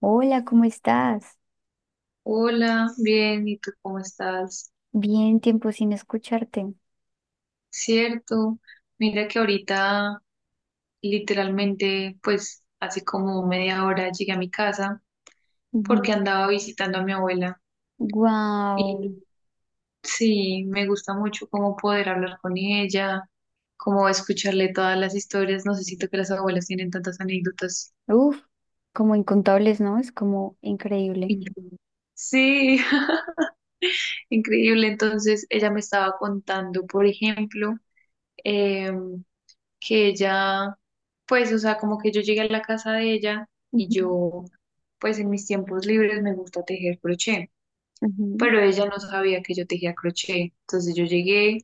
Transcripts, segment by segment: Hola, ¿cómo estás? Hola, bien, ¿y tú cómo estás? Bien, tiempo sin escucharte. Cierto, mira que ahorita literalmente, pues hace como media hora llegué a mi casa porque andaba visitando a mi abuela y Wow. sí, me gusta mucho como poder hablar con ella, como escucharle todas las historias, no sé, siento que las abuelas tienen tantas anécdotas. Uf, como incontables, ¿no? Es como increíble. Increíbles. Sí, increíble, entonces ella me estaba contando, por ejemplo, em, que ella, pues, o sea, como que yo llegué a la casa de ella y Ujú, yo, pues, en mis tiempos libres me gusta tejer crochet, ujú. pero ella no sabía que yo tejía crochet. Entonces yo llegué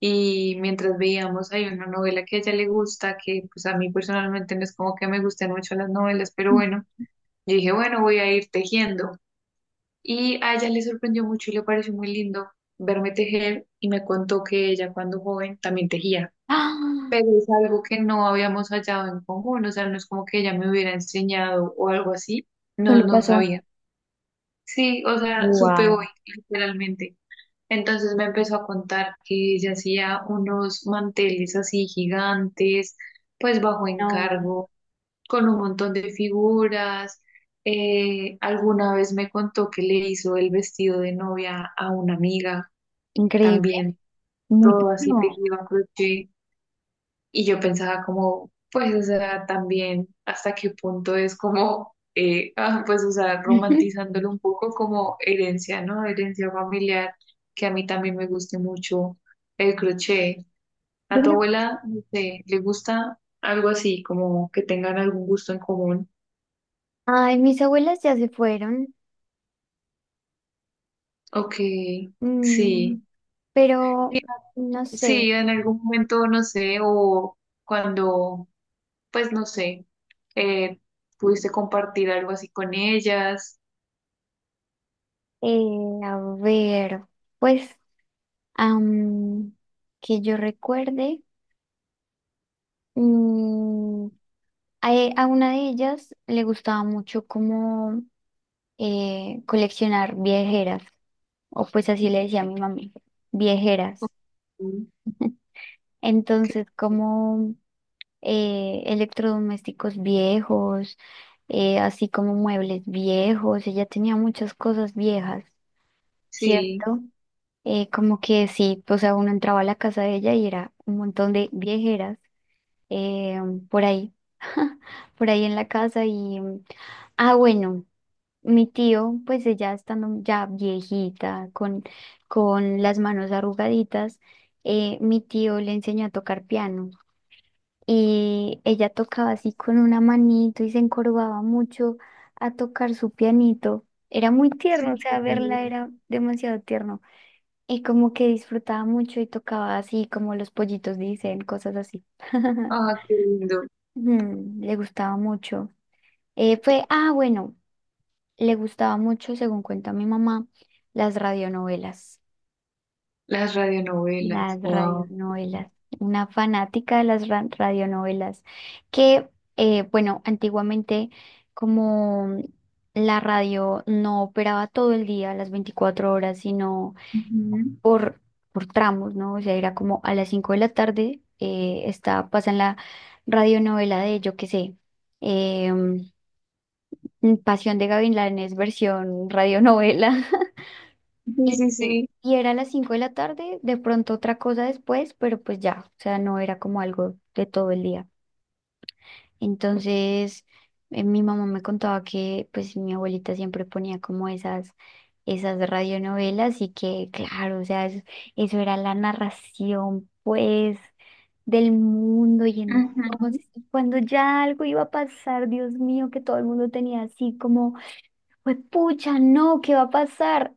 y mientras veíamos ahí una novela que a ella le gusta, que pues a mí personalmente no es como que me gusten mucho las novelas, pero bueno, yo dije, bueno, voy a ir tejiendo. Y a ella le sorprendió mucho y le pareció muy lindo verme tejer y me contó que ella cuando joven también tejía, ¡Ah! pero es algo que no habíamos hallado en común, o sea, no es como que ella me hubiera enseñado o algo así, no, Solo no pasó. sabía. Sí, o sea, supe hoy, Wow. literalmente. Entonces me empezó a contar que ella hacía unos manteles así gigantes, pues bajo No. encargo, con un montón de figuras. Alguna vez me contó que le hizo el vestido de novia a una amiga Increíble. también, Muy todo así duro. tejido a crochet. Y yo pensaba como, pues, o sea, también hasta qué punto es como, pues, o sea, Ujú. romantizándolo un poco como herencia, ¿no? Herencia familiar, que a mí también me guste mucho el crochet. Yo A tu creo. abuela, no sé, le gusta algo así, como que tengan algún gusto en común, Ay, mis abuelas ya se fueron. o que Mm, sí, pero no sí, sé. en algún momento, no sé, o cuando, pues, no sé, eh, pudiste compartir algo así con ellas. A ver, pues, am, que yo recuerde. Mm, a una de ellas le gustaba mucho como coleccionar viejeras, o pues así le decía a mi mami, viejeras. Qué- Entonces, como electrodomésticos viejos, así como muebles viejos, ella tenía muchas cosas viejas, Sí, ¿cierto? Como que sí, o sea, uno entraba a la casa de ella y era un montón de viejeras eh, por ahí, por ahí en la casa y... Ah, bueno, mi tío, pues ella estando ya viejita, con las manos arrugaditas, mi tío le enseñó a tocar piano y ella tocaba así con una manito y se encorvaba mucho a tocar su pianito. Era muy sí. tierno, o Un sea, poco. verla era demasiado tierno y como que disfrutaba mucho y tocaba así como los pollitos dicen, cosas así. Ah, qué lindo. Le gustaba mucho. Ah, bueno. Le gustaba mucho, según cuenta mi mamá, las radionovelas. Las radionovelas, Las wow. radionovelas. Una fanática de las radionovelas. Que, bueno, antiguamente, como la radio no operaba todo el día, las 24 horas, sino Ujú. por, por tramos, ¿no? O sea, era como a las 5 de la tarde, pasan la radionovela de, yo qué sé, em, Pasión de Gavilanes, versión radionovela. Sí, Y, sí, sí. y era a las 5 de la tarde, de pronto otra cosa después, pero pues ya, o sea, no era como algo de todo el día. Entonces, mi mamá me contaba que pues mi abuelita siempre ponía como esas radionovelas y que, claro, o sea, eso era la narración pues del mundo y Ujú. entonces cuando ya algo iba a pasar, Dios mío, que todo el mundo tenía así como, pues pucha, no, ¿qué va a pasar?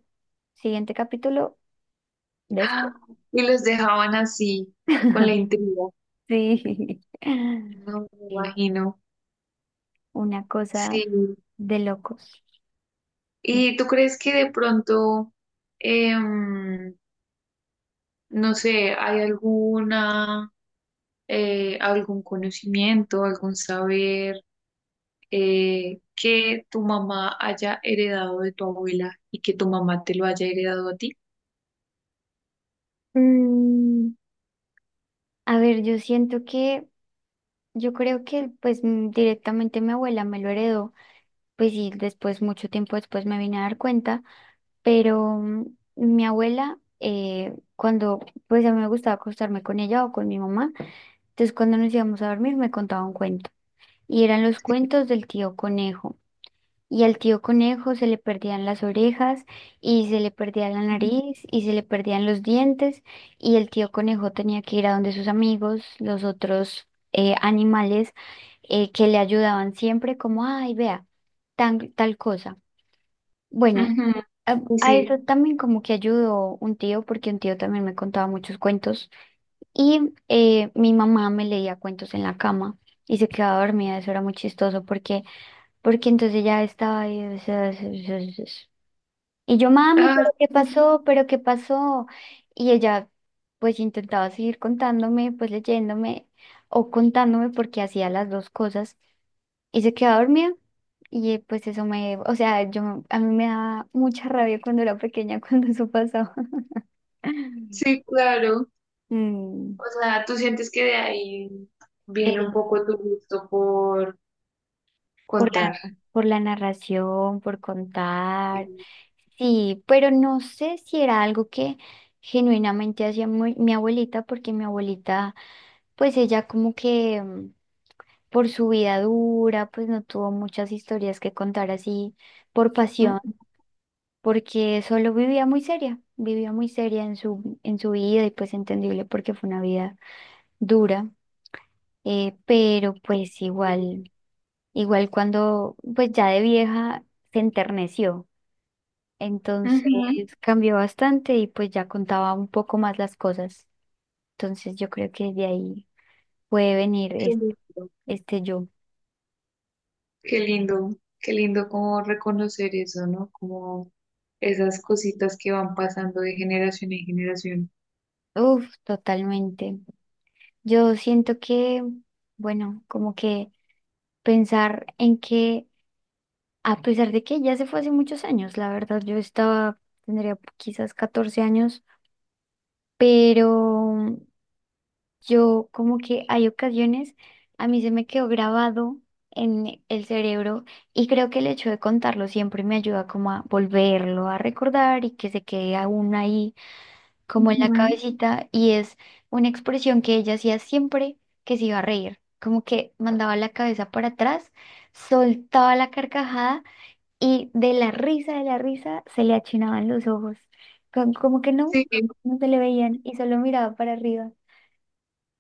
Siguiente capítulo. Después. Ah, y los dejaban así, con la intriga. Sí, No me sí, imagino. una cosa Sí. de locos. ¿Y tú crees que de pronto, em, no sé, ¿hay alguna, algún conocimiento, algún saber, que tu mamá haya heredado de tu abuela y que tu mamá te lo haya heredado a ti? Mm, a ver, yo siento que, yo creo que pues directamente mi abuela me lo heredó, pues sí, después, mucho tiempo después me vine a dar cuenta, pero mi abuela, cuando pues a mí me gustaba acostarme con ella o con mi mamá, entonces cuando nos íbamos a dormir me contaba un cuento y eran los cuentos del tío conejo. Y al tío conejo se le perdían las orejas y se le perdía la nariz y se le perdían los dientes y el tío conejo tenía que ir a donde sus amigos, los otros animales que le ayudaban siempre como, ay, vea, tal cosa. Bueno, Ujú, sí, a sí. eso también como que ayudó un tío porque un tío también me contaba muchos cuentos y mi mamá me leía cuentos en la cama y se quedaba dormida. Eso era muy chistoso porque entonces ya estaba ahí, o sea, y yo, mami, Ah, pero ¿qué pasó? ¿Pero qué pasó? Y ella, pues intentaba seguir contándome, pues leyéndome o contándome porque hacía las dos cosas y se quedaba dormida. Y pues eso me, o sea, yo, a mí me daba mucha rabia cuando era pequeña, cuando eso pasaba. sí, claro. Mm, O sea, tú sientes que de ahí viene un poco tu gusto por Por la, contar. por la narración, por contar. Ujú, Sí, pero no sé si era algo que genuinamente hacía mi abuelita, porque mi abuelita, pues ella como que por su vida dura, pues no tuvo muchas historias que contar así por pasión, porque solo vivía muy seria en en su vida y pues entendible porque fue una vida dura, pero pues igual, cuando pues ya de vieja se enterneció. Entonces ujú, cambió bastante y pues ya contaba un poco más las cosas. Entonces yo creo que de ahí puede venir qué lindo. este, yo. Qué lindo, qué lindo como reconocer eso, ¿no? Como esas cositas que van pasando de generación en generación. Uf, totalmente. Yo siento que, bueno, como que pensar en que, a pesar de que ya se fue hace muchos años, la verdad, tendría quizás 14 años, pero yo como que hay ocasiones, a mí se me quedó grabado en el cerebro y creo que el hecho de contarlo siempre me ayuda como a volverlo a recordar y que se quede aún ahí como en la Ujú. cabecita y es una expresión que ella hacía siempre que se iba a reír, como que mandaba la cabeza para atrás, soltaba la carcajada y de la risa, se le achinaban los ojos, como que no, Sí, no se le veían y solo miraba para arriba.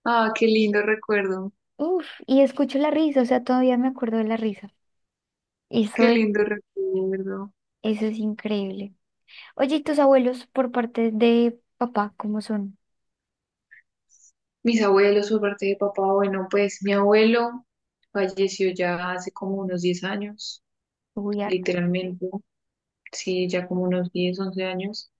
ah, qué lindo recuerdo, Uf, y escucho la risa, o sea, todavía me acuerdo de la risa. Eso qué es, lindo recuerdo. eso es increíble. Oye, ¿y tus abuelos por parte de papá, cómo son? Mis abuelos por parte de papá, bueno, pues mi abuelo falleció ya hace como unos 10 años, Uy, harto. literalmente, sí, ya como unos 10, 11 años.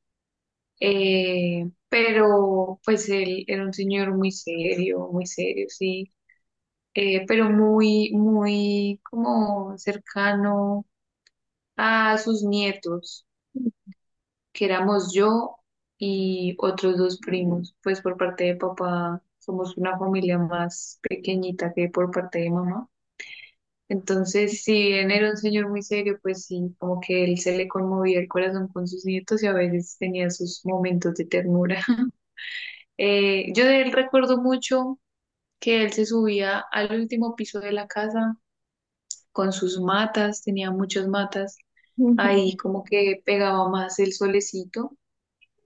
Pero pues él era un señor muy serio, sí, pero muy, muy como cercano a sus nietos, que éramos yo y otros dos primos, pues por parte de papá somos una familia más pequeñita que por parte de mamá. Entonces, si bien era un señor muy serio, pues sí, como que él se le conmovía el corazón con sus nietos y a veces tenía sus momentos de ternura. Yo de él recuerdo mucho que él se subía al último piso de la casa con sus matas, tenía muchas matas. Ahí como que pegaba más el solecito,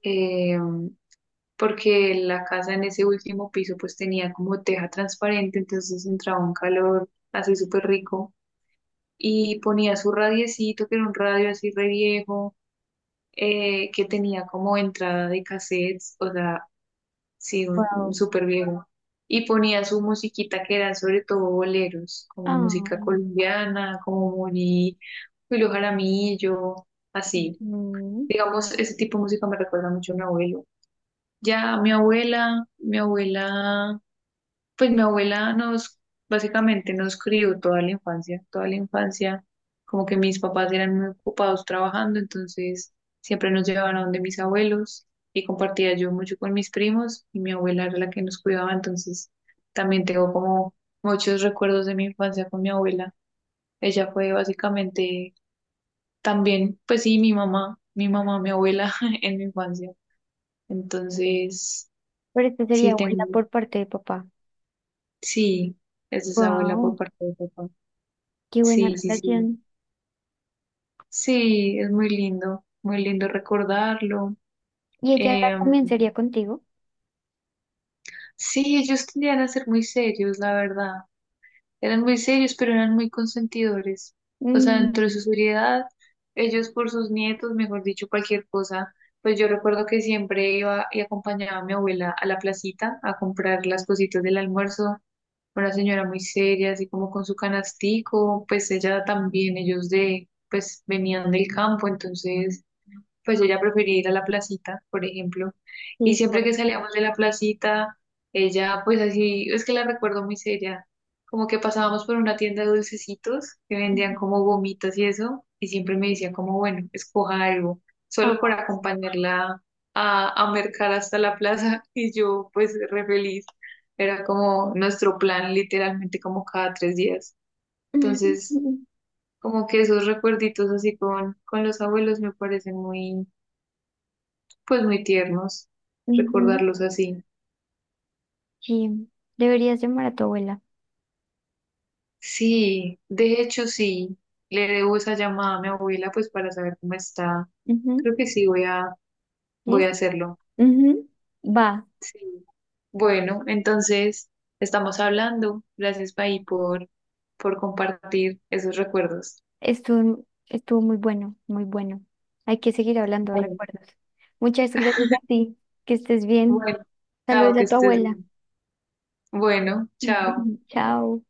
eh, porque la casa en ese último piso pues tenía como teja transparente, entonces entraba un calor así súper rico. Y ponía su radiecito, que era un radio así re viejo, que tenía como entrada de cassettes, o sea, sí, un Wow. súper viejo. Y ponía su musiquita que eran sobre todo boleros, como Ah, música colombiana, como Moni, Julio Jaramillo, así. ujú. Digamos, ese tipo de música me recuerda mucho a mi abuelo. Ya mi abuela, mi abuela, pues mi abuela nos, básicamente nos crió toda la infancia, como que mis papás eran muy ocupados trabajando, entonces siempre nos llevaban a donde mis abuelos y compartía yo mucho con mis primos y mi abuela era la que nos cuidaba, entonces también tengo como muchos recuerdos de mi infancia con mi abuela. Ella fue básicamente también, pues sí, mi mamá, mi mamá, mi abuela en mi infancia. Entonces, Pero esta sería sí, abuela tengo, por parte de papá. sí, es esa abuela por Wow, parte de papá. qué buena Sí, sí, sí. relación. Sí, es muy lindo recordarlo. ¿Y ella ahora Em, también sería contigo? sí, ellos tendían a ser muy serios, la verdad. Eran muy serios, pero eran muy consentidores. O sea, dentro Mm, de su seriedad, ellos por sus nietos, mejor dicho, cualquier cosa. Pues yo recuerdo que siempre iba y acompañaba a mi abuela a la placita a comprar las cositas del almuerzo. Una señora muy seria, así como con su canastico, pues ella también, ellos de, pues venían del campo, entonces pues ella prefería ir a la placita, por ejemplo. Y sí, siempre por. que salíamos de la placita, ella, pues así, es que la recuerdo muy seria. Como que pasábamos por una tienda de dulcecitos que vendían Ujú. como gomitas y eso, y siempre me decía como, bueno, escoja algo, solo por Ah. acompañarla a mercar hasta la plaza. Y yo, pues, re feliz. Era como nuestro plan, literalmente, como cada 3 días. Entonces, como que esos recuerditos así con los abuelos me parecen muy, pues muy tiernos Ujú. recordarlos así. Sí, deberías llamar a tu abuela. Sí, de hecho sí, le debo esa llamada a mi abuela pues para saber cómo está. Ujú. Creo que sí voy a ¿Listo? hacerlo. Ujú. Va. Sí. Bueno, entonces estamos hablando. Gracias, Pai, por compartir esos recuerdos. Estuvo muy bueno, muy bueno. Hay que seguir hablando de Bueno, recuerdos. Muchas gracias a ti. Que estés bien. bueno, chao, Saludos que a tu estés abuela. bien. Bueno, chao. Chao.